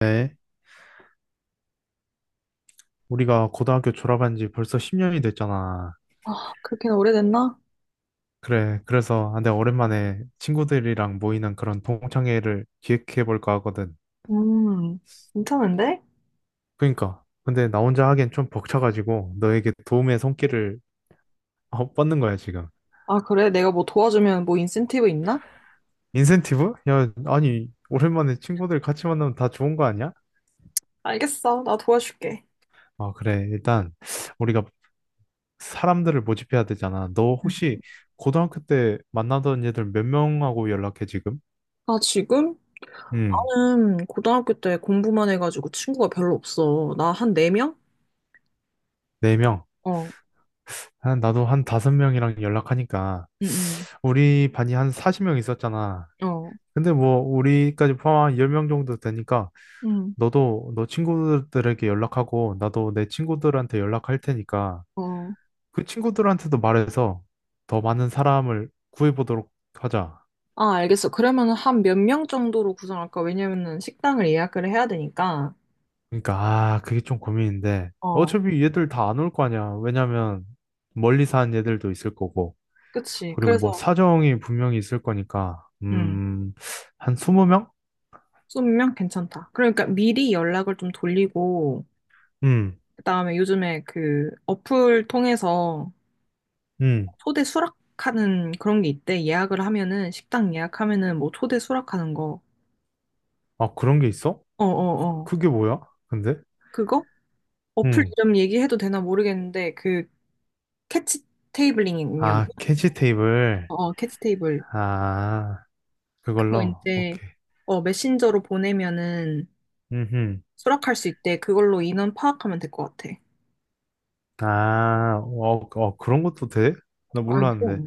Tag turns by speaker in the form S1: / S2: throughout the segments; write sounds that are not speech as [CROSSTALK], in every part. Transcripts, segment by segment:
S1: 네, 우리가 고등학교 졸업한 지 벌써 10년이 됐잖아.
S2: 아, 그렇게는 오래됐나?
S1: 그래, 그래서 내가 오랜만에 친구들이랑 모이는 그런 동창회를 기획해 볼까 하거든.
S2: 음, 괜찮은데?
S1: 그러니까, 근데 나 혼자 하기엔 좀 벅차가지고 너에게 도움의 손길을 뻗는 거야, 지금.
S2: 아, 그래? 내가 뭐 도와주면 뭐 인센티브 있나?
S1: 인센티브? 야, 아니, 오랜만에 친구들 같이 만나면 다 좋은 거 아니야?
S2: 알겠어. 나 도와줄게.
S1: 아, 그래, 일단 우리가 사람들을 모집해야 되잖아. 너
S2: 음.
S1: 혹시 고등학교 때 만나던 애들 몇 명하고 연락해, 지금?
S2: 아, 지금?
S1: 음,
S2: 나는 고등학교 때 공부만 해가지고 친구가 별로 없어. 나 한 네명.
S1: 네 명.
S2: 어,
S1: 한 나도 한 다섯 명이랑 연락하니까
S2: 응,
S1: 우리 반이 한 40명 있었잖아.
S2: 응, 어,
S1: 근데 뭐 우리까지 포함한 10명 정도 되니까
S2: 응,
S1: 너도 너 친구들에게 연락하고 나도 내 친구들한테 연락할 테니까
S2: 어.
S1: 그 친구들한테도 말해서 더 많은 사람을 구해보도록 하자.
S2: 아, 알겠어. 그러면 한 몇 명 정도로 구성할까? 왜냐면은 식당을 예약을 해야 되니까.
S1: 그러니까 아 그게 좀 고민인데
S2: 응. 어,
S1: 어차피 얘들 다 안 올 거 아니야. 왜냐면 멀리 사는 얘들도 있을 거고
S2: 그치.
S1: 그리고 뭐
S2: 그래서,
S1: 사정이 분명히 있을 거니까
S2: 응,
S1: 한 20명?
S2: 20명? 괜찮다. 그러니까 미리 연락을 좀 돌리고,
S1: 음.
S2: 그다음에 요즘에 그 어플 통해서
S1: 음.
S2: 초대 수락하는 그런 게 있대. 예약을 하면은 식당 예약하면은 뭐 초대 수락하는 거.
S1: 아, 그런 게 있어?
S2: 어, 어, 어.
S1: 그게 뭐야? 근데?
S2: 그거? 어플
S1: 응.
S2: 이름 얘기해도 되나 모르겠는데 그 캐치 테이블링이군요.
S1: 아, 캐치 테이블.
S2: 어, 어, 캐치 테이블.
S1: 아,
S2: 그거
S1: 그걸로.
S2: 이제
S1: 오케이.
S2: 어 메신저로 보내면은
S1: 음.
S2: 수락할 수 있대. 그걸로 인원 파악하면 될 것 같아.
S1: 아, 어, 어, 그런 것도 돼? 나
S2: 아유,
S1: 몰랐는데.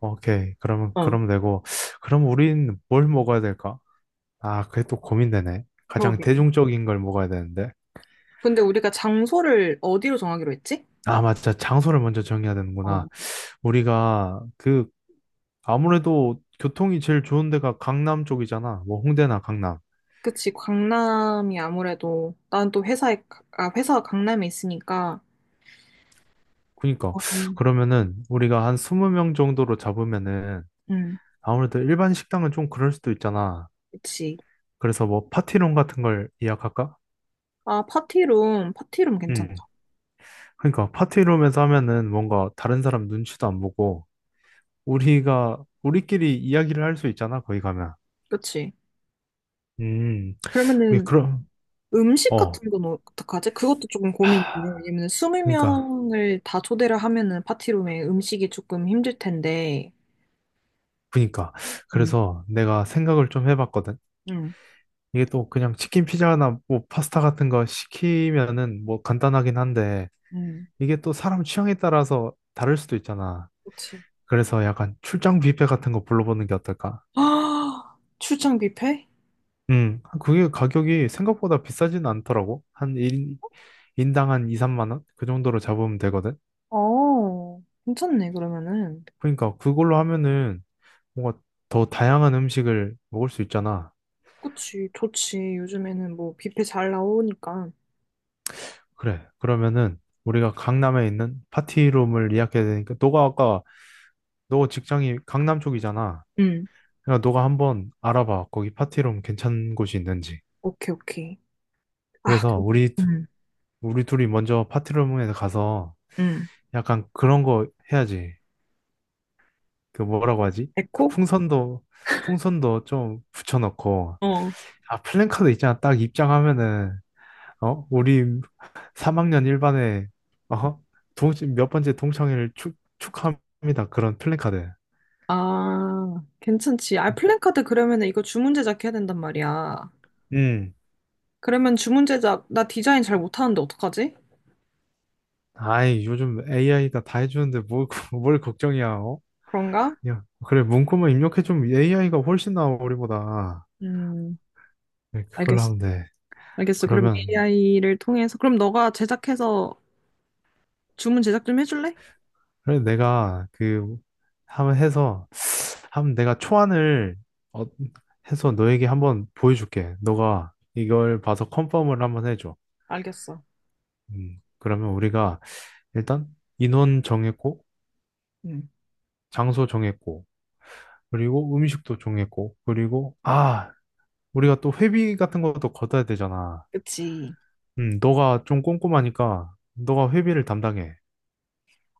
S1: 오케이. 그러면,
S2: 어,
S1: 그럼 되고. 그럼 우린 뭘 먹어야 될까? 아, 그게 또 고민되네. 가장
S2: 그러게.
S1: 대중적인 걸 먹어야 되는데.
S2: 근데 우리가 장소를 어디로 정하기로 했지?
S1: 아, 맞다. 장소를 먼저 정해야 되는구나.
S2: 어.
S1: 우리가 아무래도 교통이 제일 좋은 데가 강남 쪽이잖아. 뭐, 홍대나 강남.
S2: 그치, 강남이 아무래도, 난 또 회사에, 아, 회사가 강남에 있으니까,
S1: 그니까
S2: 어,
S1: 그러면은 우리가 한 20명 정도로 잡으면은
S2: 음,
S1: 아무래도 일반 식당은 좀 그럴 수도 있잖아.
S2: 그치.
S1: 그래서 뭐 파티룸 같은 걸 예약할까?
S2: 아, 파티룸, 파티룸 괜찮다.
S1: 응. 그러니까 파티룸에서 하면은 뭔가 다른 사람 눈치도 안 보고 우리가 우리끼리 이야기를 할 수 있잖아. 거기 가면.
S2: 그치.
S1: 음. 오케이,
S2: 그러면은
S1: 그럼
S2: 음식
S1: 어.
S2: 같은 건 어떡하지? 그것도 조금 고민이네.
S1: 하,
S2: 왜냐면
S1: 그러니까
S2: 20명을 다 초대를 하면은 파티룸에 음식이 조금 힘들 텐데,
S1: 그러니까
S2: 음.
S1: 그래서 내가 생각을 좀 해봤거든.
S2: 음,
S1: 이게 또 그냥 치킨 피자나 뭐 파스타 같은 거 시키면은 뭐 간단하긴 한데
S2: 음,
S1: 이게 또 사람 취향에 따라서 다를 수도 있잖아.
S2: 그치.
S1: 그래서 약간 출장 뷔페 같은 거 불러보는 게 어떨까?
S2: [GASPS] 아, 출장 뷔페?
S1: 그게 가격이 생각보다 비싸진 않더라고. 인당 한 2, 3만 원? 그 정도로 잡으면 되거든.
S2: 어, 괜찮네, 그러면은.
S1: 그러니까 그걸로 하면은 뭔가 더 다양한 음식을 먹을 수 있잖아.
S2: 그치, 좋지. 요즘에는 뭐 뷔페 잘 나오니까.
S1: 그래. 그러면은 우리가 강남에 있는 파티룸을 예약해야 되니까 너가 아까 너 직장이 강남 쪽이잖아.
S2: 음,
S1: 그러니까 너가 한번 알아봐. 거기 파티룸 괜찮은 곳이 있는지.
S2: 오케이, 오케이. 아,
S1: 그래서
S2: 근데,
S1: 우리
S2: 음,
S1: 우리 둘이 먼저 파티룸에 가서
S2: 음,
S1: 약간 그런 거 해야지. 그 뭐라고 하지? 그
S2: 에코?
S1: 풍선도, 풍선도 좀 붙여놓고,
S2: 어.
S1: 아, 플랜카드 있잖아. 딱 입장하면은, 어? 우리 3학년 1반에, 어? 동, 몇 번째 동창회를 축, 축하합니다. 그런 플랜카드.
S2: 아, 괜찮지. 아, 플랜카드 그러면 은 이거 주문 제작해야 된단 말이야.
S1: 음.
S2: 그러면 주문 제작, 나 디자인 잘 못하는데 어떡하지?
S1: 아이, 요즘 AI가 다 해주는데 뭘, [LAUGHS] 뭘 걱정이야, 어?
S2: 그런가?
S1: 그냥, 그래, 문구만 입력해주면 AI가 훨씬 나아, 우리보다.
S2: 음,
S1: 네, 그걸로
S2: 알겠어.
S1: 하면 돼.
S2: 알겠어. 그럼
S1: 그러면
S2: AI를 통해서, 그럼 너가 제작해서 주문 제작 좀 해줄래?
S1: 그래, 내가 그 한번 해서 한번 내가 초안을 어, 해서 너에게 한번 보여줄게. 너가 이걸 봐서 컨펌을 한번 해줘.
S2: 알겠어.
S1: 그러면 우리가 일단 인원 정했고
S2: 음,
S1: 장소 정했고 그리고 음식도 정했고 그리고 아 우리가 또 회비 같은 것도 걷어야 되잖아.
S2: 그치.
S1: 너가 좀 꼼꼼하니까 너가 회비를 담당해.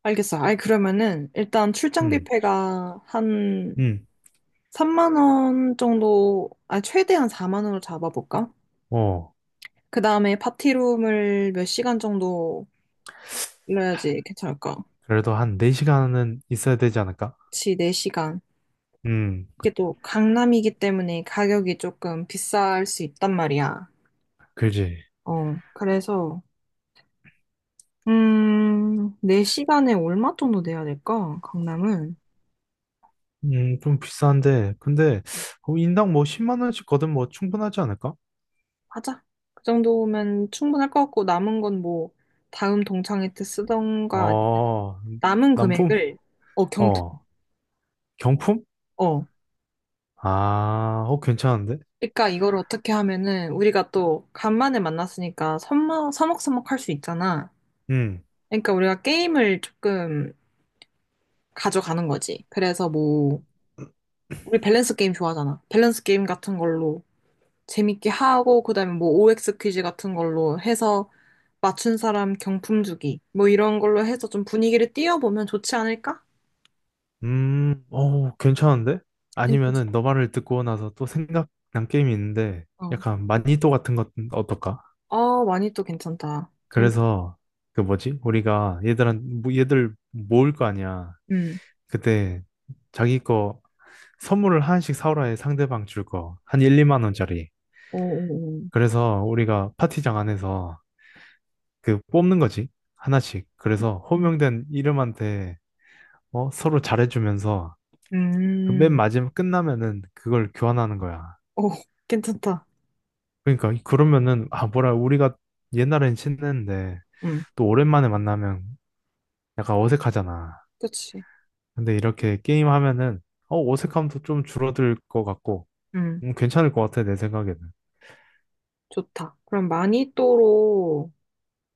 S2: 알겠어. 아이, 그러면은, 일단
S1: 음,
S2: 출장비패가 한
S1: 음,
S2: 3만 원 정도, 아, 최대한 4만 원으로 잡아볼까?
S1: 어
S2: 그 다음에 파티룸을 몇 시간 정도 빌려야지 괜찮을까?
S1: 그래도 한 4시간은 있어야 되지 않을까?
S2: 그치, 4시간.
S1: 음.
S2: 이게 또 강남이기 때문에 가격이 조금 비쌀 수 있단 말이야.
S1: 그지.
S2: 어, 그래서, 4시간에 얼마 정도 내야 될까? 강남은?
S1: 좀 비싼데. 근데, 어, 인당 뭐 10만 원씩 거든 뭐 충분하지 않을까?
S2: 하자. 그 정도면 충분할 것 같고, 남은 건 뭐, 다음 동창회 때 쓰던가,
S1: 어,
S2: 남은
S1: 남품?
S2: 금액을, 어, 경품,
S1: 어, 경품?
S2: 어.
S1: 아, 어, 괜찮은데?
S2: 그러니까 이걸 어떻게 하면은, 우리가 또, 간만에 만났으니까, 서먹할 수 있잖아.
S1: 음,
S2: 그러니까 우리가 게임을 조금 가져가는 거지. 그래서 뭐 우리 밸런스 게임 좋아하잖아. 밸런스 게임 같은 걸로 재밌게 하고 그다음에 뭐 OX 퀴즈 같은 걸로 해서 맞춘 사람 경품 주기 뭐 이런 걸로 해서 좀 분위기를 띄워보면 좋지 않을까?
S1: 어, 괜찮은데?
S2: 괜찮지?
S1: 아니면은 너 말을 듣고 나서 또 생각난 게임이 있는데,
S2: 어.
S1: 약간 마니또 같은 것 어떨까?
S2: 아, 많이 또 괜찮다. 재밌.
S1: 그래서, 그 뭐지? 우리가 얘들한, 뭐 얘들 모을 거 아니야.
S2: 음.
S1: 그때 자기 거 선물을 하나씩 사오라 해 상대방 줄 거. 한 1, 2만 원짜리.
S2: 오, 오, 오.
S1: 그래서 우리가 파티장 안에서 그 뽑는 거지. 하나씩. 그래서
S2: 음.
S1: 호명된 이름한테 서로 잘해주면서 그 맨
S2: 음.
S1: 마지막 끝나면은 그걸 교환하는 거야.
S2: 오, [LAUGHS] 괜찮다.
S1: 그러면은 아 뭐라 우리가 옛날엔 친했는데
S2: 음.
S1: 또 오랜만에 만나면 약간 어색하잖아.
S2: 그렇지.
S1: 근데 이렇게 게임 하면은 어색함도 좀 줄어들 것 같고
S2: 음.
S1: 괜찮을 것 같아 내 생각에는.
S2: 좋다. 그럼 마니또로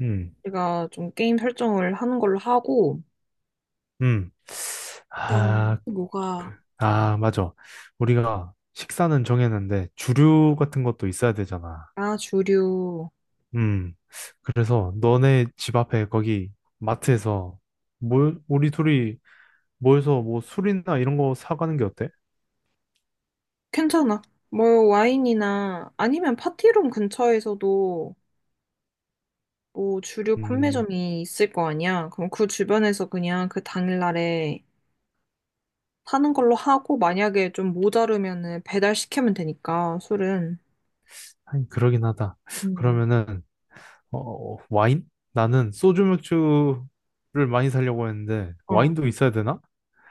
S1: 음.
S2: 우리가 좀 게임 설정을 하는 걸로 하고
S1: 음.
S2: 그다음에
S1: 아,
S2: 또 뭐가.
S1: 그- 아, 맞아. 우리가 식사는 정했는데 주류 같은 것도 있어야 되잖아.
S2: 아, 주류.
S1: 음. 그래서 너네 집 앞에 거기 마트에서 뭘 우리 둘이 모여서 뭐 술이나 이런 거 사가는 게 어때?
S2: 괜찮아. 뭐 와인이나 아니면 파티룸 근처에서도 뭐 주류
S1: 음,
S2: 판매점이 있을 거 아니야. 그럼 그 주변에서 그냥 그 당일날에 사는 걸로 하고, 만약에 좀 모자르면은 배달 시키면 되니까 술은.
S1: 하긴 그러긴 하다.
S2: 음.
S1: 그러면은 어, 와인? 나는 소주 맥주를 많이 사려고 했는데
S2: 어,
S1: 와인도 있어야 되나?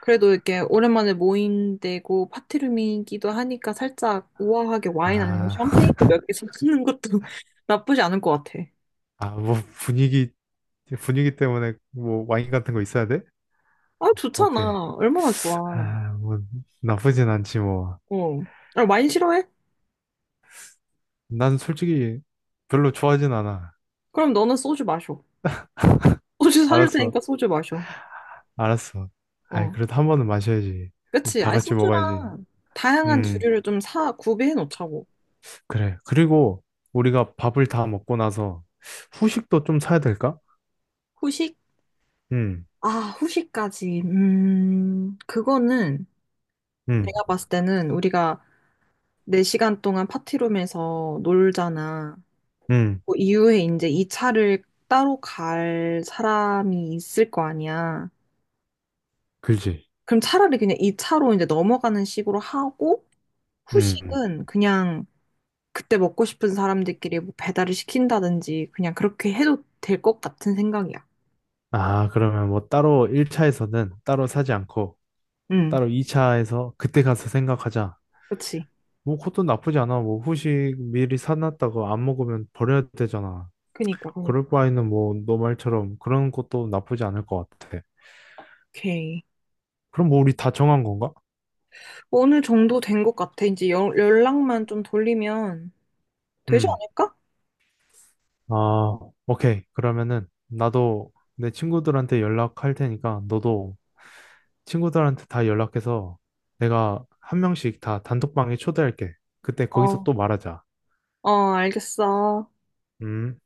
S2: 그래도 이렇게 오랜만에 모인 데고 파티룸이기도 하니까 살짝 우아하게 와인 아니면
S1: 아, [LAUGHS]
S2: 샴페인도 몇 개 사는 것도 [LAUGHS] 나쁘지 않을 것 같아.
S1: 아, 뭐 분위기 분위기 때문에 뭐 와인 같은 거 있어야 돼?
S2: 아,
S1: 오케이.
S2: 좋잖아. 얼마나 좋아.
S1: 아, 뭐 나쁘진 않지 뭐.
S2: 어. 아, 와인 싫어해?
S1: 난 솔직히 별로 좋아하진 않아.
S2: 그럼 너는 소주 마셔. 소주 사줄
S1: 알았어,
S2: 테니까 소주 마셔.
S1: 알았어. 아이,
S2: 어.
S1: 그래도 한 번은 마셔야지.
S2: 그치.
S1: 다
S2: 아니,
S1: 같이 먹어야지.
S2: 소주랑 다양한
S1: 음,
S2: 주류를 좀 사, 구비해 놓자고.
S1: 그래. 그리고 우리가 밥을 다 먹고 나서 후식도 좀 사야 될까?
S2: 후식?
S1: 음,
S2: 아, 후식까지. 그거는
S1: 음,
S2: 내가 봤을 때는 우리가 4시간 동안 파티룸에서 놀잖아.
S1: 음,
S2: 그 이후에 이제 이 차를 따로 갈 사람이 있을 거 아니야.
S1: 그지.
S2: 그럼 차라리 그냥 이 차로 이제 넘어가는 식으로 하고,
S1: 음. 음.
S2: 후식은 그냥 그때 먹고 싶은 사람들끼리 뭐 배달을 시킨다든지 그냥 그렇게 해도 될 것 같은 생각이야.
S1: 아, 그러면 뭐 따로 1차에서는 따로 사지 않고
S2: 응.
S1: 따로 2차에서 그때 가서 생각하자.
S2: 그치?
S1: 뭐 그것도 나쁘지 않아. 뭐 후식 미리 사놨다고 안 먹으면 버려야 되잖아.
S2: 그니까, 그니까.
S1: 그럴 바에는 뭐 너 말처럼 그런 것도 나쁘지 않을 것 같아.
S2: 오케이.
S1: 그럼 뭐 우리 다 정한 건가?
S2: 어느 정도 된 것 같아. 이제 연 연락만 좀 돌리면 되지
S1: 음.
S2: 않을까?
S1: 아, 오케이. 그러면은 나도 내 친구들한테 연락할 테니까 너도 친구들한테 다 연락해서 내가 한 명씩 다 단톡방에 초대할게. 그때 거기서
S2: 어.
S1: 또 말하자.
S2: 어, 알겠어.
S1: 음.